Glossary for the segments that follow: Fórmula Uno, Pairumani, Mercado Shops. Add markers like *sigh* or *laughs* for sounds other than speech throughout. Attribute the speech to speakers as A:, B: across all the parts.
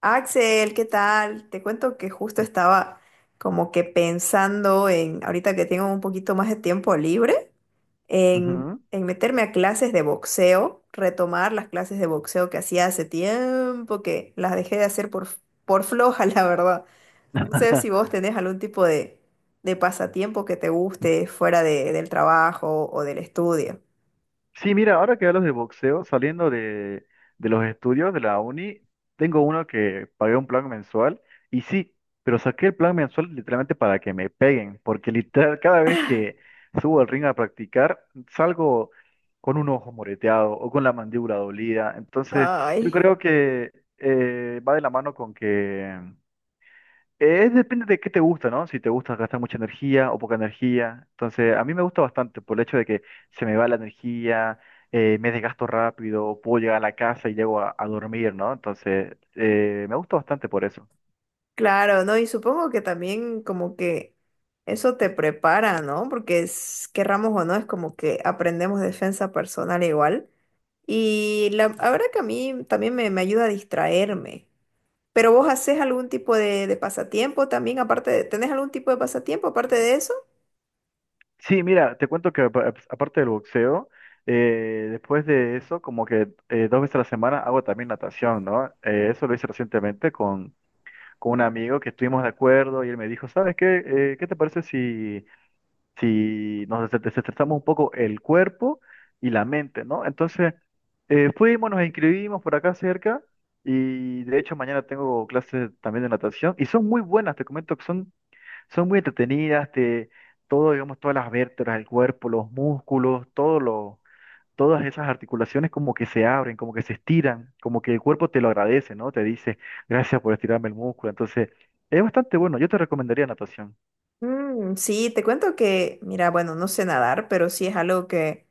A: Axel, ¿qué tal? Te cuento que justo estaba como que pensando ahorita que tengo un poquito más de tiempo libre, en,
B: Ujú.
A: en meterme a clases de boxeo, retomar las clases de boxeo que hacía hace tiempo, que las dejé de hacer por floja, *laughs* la verdad. No sé si
B: *laughs*
A: vos tenés algún tipo de pasatiempo que te guste del trabajo o del estudio.
B: Sí, mira, ahora que hablas de boxeo, saliendo de los estudios de la uni, tengo uno que pagué un plan mensual y sí, pero saqué el plan mensual literalmente para que me peguen, porque literal cada vez que subo al ring a practicar, salgo con un ojo moreteado o con la mandíbula dolida. Entonces, yo
A: Ay.
B: creo que va de la mano con que es depende de qué te gusta, ¿no? Si te gusta gastar mucha energía o poca energía. Entonces, a mí me gusta bastante por el hecho de que se me va la energía, me desgasto rápido, puedo llegar a la casa y llego a dormir, ¿no? Entonces, me gusta bastante por eso.
A: Claro, ¿no? Y supongo que también como que eso te prepara, ¿no? Porque es, querramos o no, es como que aprendemos defensa personal igual. Y la verdad que a mí también me ayuda a distraerme. Pero vos haces algún tipo de pasatiempo también, ¿tenés algún tipo de pasatiempo aparte de eso?
B: Sí, mira, te cuento que aparte del boxeo, después de eso, como que dos veces a la semana hago también natación, ¿no? Eso lo hice recientemente con un amigo que estuvimos de acuerdo y él me dijo, ¿sabes qué? ¿Qué te parece si nos desestresamos un poco el cuerpo y la mente, ¿no? Entonces, fuimos, nos inscribimos por acá cerca y de hecho mañana tengo clases también de natación y son muy buenas, te comento que son muy entretenidas, todo, digamos, todas las vértebras del cuerpo, los músculos, todas esas articulaciones como que se abren, como que se estiran, como que el cuerpo te lo agradece, ¿no? Te dice, gracias por estirarme el músculo. Entonces, es bastante bueno, yo te recomendaría natación.
A: Mm, sí, te cuento que, mira, bueno, no sé nadar, pero sí es algo que...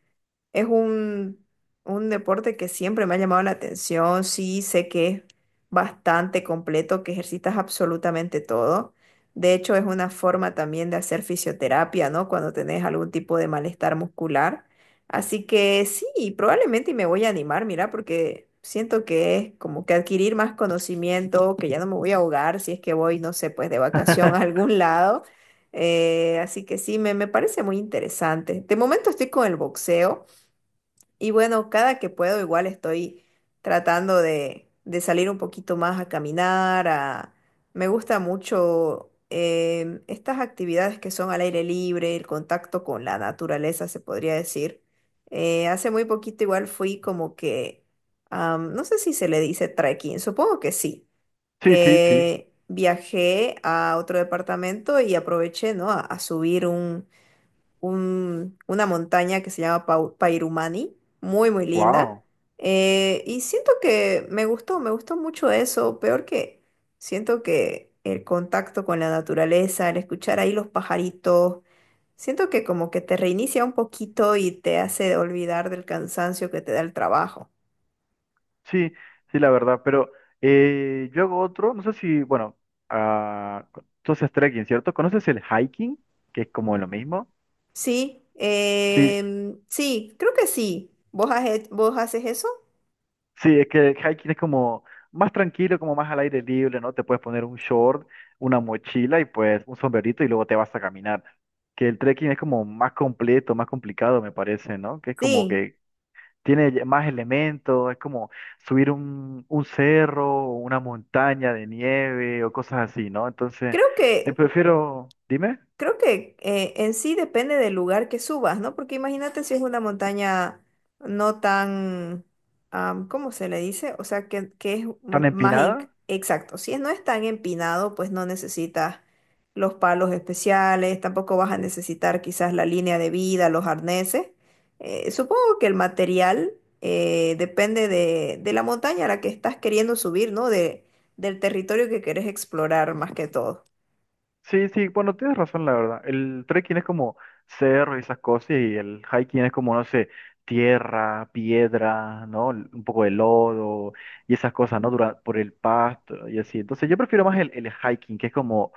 A: Es un, un deporte que siempre me ha llamado la atención. Sí, sé que es bastante completo, que ejercitas absolutamente todo. De hecho, es una forma también de hacer fisioterapia, ¿no? Cuando tenés algún tipo de malestar muscular. Así que sí, probablemente me voy a animar, mira, porque siento que es como que adquirir más conocimiento, que ya no me voy a ahogar si es que voy, no sé, pues de vacación a
B: *laughs*
A: algún lado. Así que sí, me parece muy interesante. De momento estoy con el boxeo. Y bueno, cada que puedo igual estoy tratando de salir un poquito más a caminar, a... Me gusta mucho estas actividades que son al aire libre, el contacto con la naturaleza, se podría decir. Hace muy poquito igual fui no sé si se le dice trekking, supongo que sí,
B: Sí, sí, sí.
A: que viajé a otro departamento y aproveché, ¿no?, a subir una montaña que se llama Pairumani, muy, muy linda.
B: Wow.
A: Y siento que me gustó mucho eso, peor que siento que el contacto con la naturaleza, el escuchar ahí los pajaritos, siento que como que te reinicia un poquito y te hace olvidar del cansancio que te da el trabajo.
B: Sí, sí, la verdad, pero yo hago otro, no sé si, bueno, ah, tú haces trekking, ¿cierto? ¿Conoces el hiking? Que es como lo mismo.
A: Sí,
B: Sí,
A: sí, creo que sí. ¿ Vos haces eso?
B: sí, es que el hiking es como más tranquilo, como más al aire libre, ¿no? Te puedes poner un short, una mochila y pues un sombrerito y luego te vas a caminar. Que el trekking es como más completo, más complicado, me parece, ¿no? Que es como
A: Sí,
B: que tiene más elementos, es como subir un cerro o una montaña de nieve o cosas así, ¿no? Entonces,
A: creo que...
B: prefiero, dime,
A: Creo que en sí depende del lugar que subas, ¿no? Porque imagínate si es una montaña no tan, ¿cómo se le dice? O sea, que es
B: ¿tan
A: más
B: empinada?
A: exacto. Si no es tan empinado, pues no necesitas los palos especiales, tampoco vas a necesitar quizás la línea de vida, los arneses. Supongo que el material depende de la montaña a la que estás queriendo subir, ¿no? Del territorio que querés explorar más que todo.
B: Sí, sí, bueno, tienes razón, la verdad. El trekking es como cerro y esas cosas y el hiking es como, no sé, tierra, piedra, ¿no? Un poco de lodo y esas cosas, ¿no? Por el pasto y así. Entonces, yo prefiero más el hiking, que es como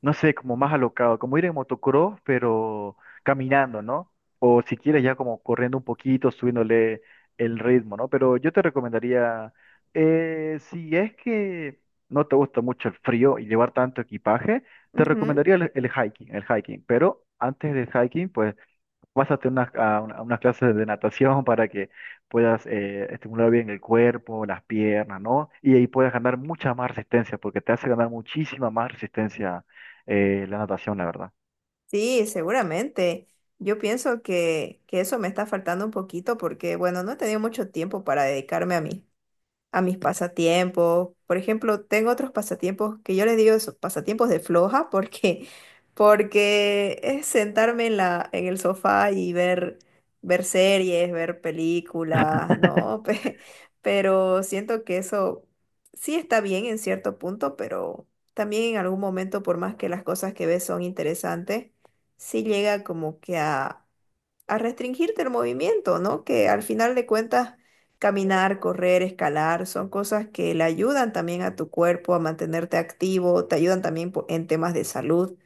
B: no sé, como más alocado, como ir en motocross, pero caminando, ¿no? O si quieres ya como corriendo un poquito, subiéndole el ritmo, ¿no? Pero yo te recomendaría, si es que no te gusta mucho el frío y llevar tanto equipaje, te
A: Ujú.
B: recomendaría el hiking, el hiking. Pero antes del hiking, pues pásate a unas clases de natación para que puedas estimular bien el cuerpo, las piernas, ¿no? Y ahí puedes ganar mucha más resistencia, porque te hace ganar muchísima más resistencia, la natación, la verdad.
A: Sí, seguramente. Yo pienso que eso me está faltando un poquito porque, bueno, no he tenido mucho tiempo para dedicarme a mí, a mis pasatiempos. Por ejemplo, tengo otros pasatiempos que yo les digo pasatiempos de floja porque *laughs* porque es sentarme en la en el sofá y ver series, ver películas, ¿no? *laughs* Pero siento que eso sí está bien en cierto punto, pero también en algún momento, por más que las cosas que ves son interesantes, sí llega como que a restringirte el movimiento, ¿no? Que al final de cuentas, caminar, correr, escalar, son cosas que le ayudan también a tu cuerpo a mantenerte activo, te ayudan también en temas de salud.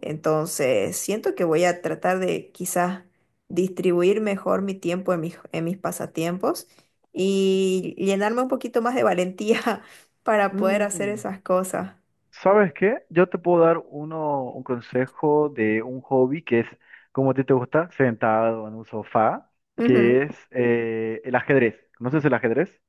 A: Entonces, siento que voy a tratar de quizás distribuir mejor mi tiempo en en mis pasatiempos y llenarme un poquito más de valentía *laughs* para poder hacer
B: Mm,
A: esas cosas.
B: ¿Sabes qué? Yo te puedo dar un consejo de un hobby que es, como a ti te gusta, sentado en un sofá, que es el ajedrez. ¿Conoces el ajedrez?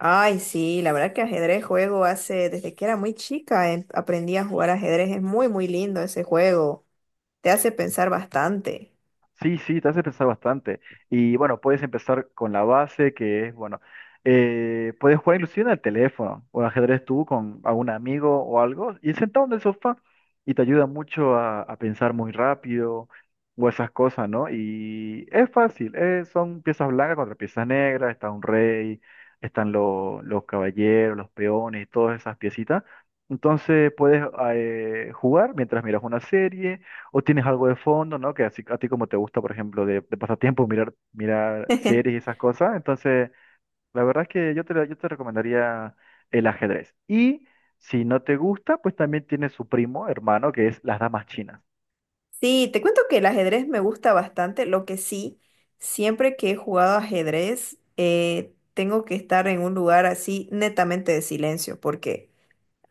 A: Ay, sí, la verdad que ajedrez juego hace, desde que era muy chica, aprendí a jugar ajedrez. Es muy, muy lindo ese juego. Te hace pensar bastante.
B: Sí, sí, te hace pensar bastante. Y bueno, puedes empezar con la base, que es, bueno, puedes jugar inclusive en el teléfono o ajedrez tú con algún amigo o algo, y sentado en el sofá, y te ayuda mucho a pensar muy rápido o esas cosas, ¿no? Y es fácil, son piezas blancas contra piezas negras, está un rey, están los caballeros, los peones, todas esas piecitas. Entonces puedes jugar mientras miras una serie o tienes algo de fondo, ¿no? Que así, a ti como te gusta, por ejemplo, de pasatiempo, mirar, mirar series y
A: *laughs*
B: esas cosas. Entonces, la verdad es que yo te recomendaría el ajedrez. Y si no te gusta, pues también tiene su primo, hermano, que es las damas chinas.
A: Sí, te cuento que el ajedrez me gusta bastante, lo que sí, siempre que he jugado ajedrez, tengo que estar en un lugar así netamente de silencio, porque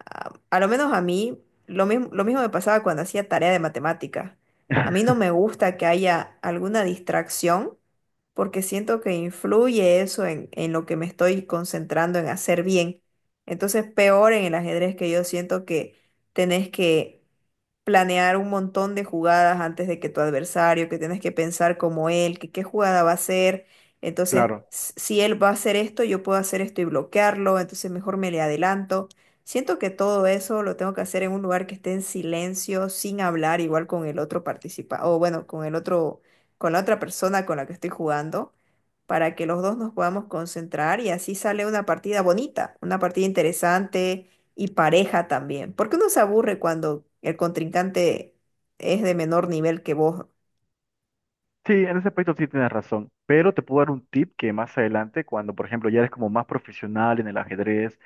A: a lo menos a mí, lo mismo me pasaba cuando hacía tarea de matemática. A mí
B: *laughs*
A: no me gusta que haya alguna distracción porque siento que influye eso en lo que me estoy concentrando en hacer bien. Entonces, peor en el ajedrez, que yo siento que tenés que planear un montón de jugadas antes de que tu adversario, que tienes que pensar como él, que qué jugada va a hacer. Entonces,
B: Claro.
A: si él va a hacer esto, yo puedo hacer esto y bloquearlo, entonces mejor me le adelanto. Siento que todo eso lo tengo que hacer en un lugar que esté en silencio, sin hablar, igual con el otro participante, o bueno, con la otra persona con la que estoy jugando, para que los dos nos podamos concentrar, y así sale una partida bonita, una partida interesante y pareja también, porque uno se aburre cuando el contrincante es de menor nivel que vos.
B: Sí, en ese aspecto sí tienes razón, pero te puedo dar un tip que más adelante, cuando por ejemplo ya eres como más profesional en el ajedrez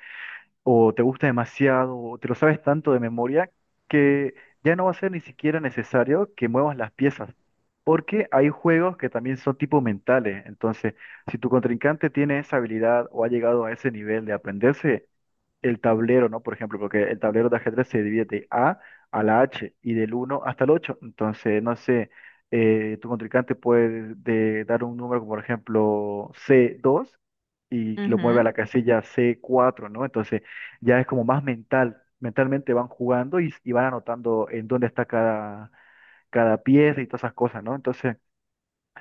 B: o te gusta demasiado, o te lo sabes tanto de memoria, que ya no va a ser ni siquiera necesario que muevas las piezas, porque hay juegos que también son tipo mentales. Entonces, si tu contrincante tiene esa habilidad o ha llegado a ese nivel de aprenderse, el tablero, ¿no? Por ejemplo, porque el tablero de ajedrez se divide de A a la H y del 1 hasta el 8. Entonces, no sé, tu contrincante puede dar un número como por ejemplo c2 y lo mueve a la casilla c4, ¿no? Entonces, ya es como más mental. Mentalmente van jugando y van anotando en dónde está cada, cada pieza y todas esas cosas, ¿no? Entonces,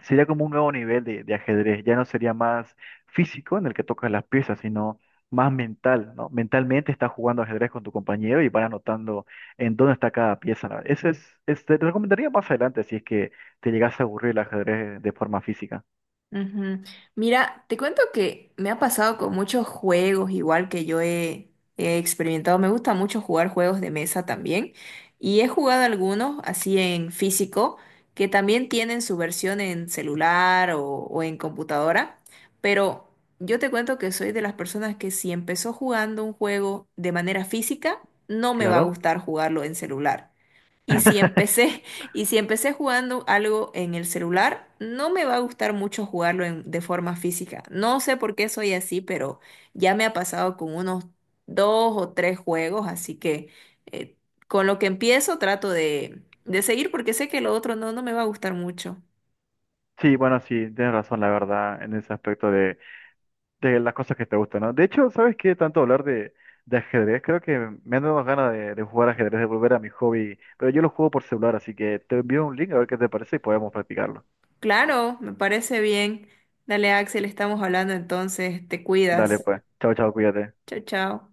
B: sería como un nuevo nivel de ajedrez. Ya no sería más físico en el que tocas las piezas, sino más mental, ¿no? Mentalmente estás jugando ajedrez con tu compañero y van anotando en dónde está cada pieza. ¿No? Ese es- te recomendaría más adelante si es que te llegas a aburrir el ajedrez de forma física.
A: Ujú. Mira, te cuento que me ha pasado con muchos juegos, igual que he experimentado. Me gusta mucho jugar juegos de mesa también. Y he jugado algunos así en físico, que también tienen su versión en celular o en computadora. Pero yo te cuento que soy de las personas que si empezó jugando un juego de manera física, no me va a
B: Claro.
A: gustar jugarlo en celular. Y si
B: *laughs*
A: empecé, *laughs* y si empecé jugando algo en el celular, no me va a gustar mucho jugarlo de forma física. No sé por qué soy así, pero ya me ha pasado con unos dos o tres juegos, así que eh, con lo que empiezo trato de seguir porque sé que lo otro no me va a gustar mucho.
B: Sí, bueno, sí, tienes razón, la verdad, en ese aspecto de las cosas que te gustan, ¿no? De hecho, ¿sabes qué? Tanto hablar de ajedrez, creo que me han dado ganas de jugar ajedrez, de volver a mi hobby, pero yo lo juego por celular, así que te envío un link a ver qué te parece y podemos practicarlo.
A: Claro, me parece bien. Dale, Axel, estamos hablando entonces. Te
B: Dale,
A: cuidas.
B: pues. Chao, chao, cuídate.
A: Chao, chao.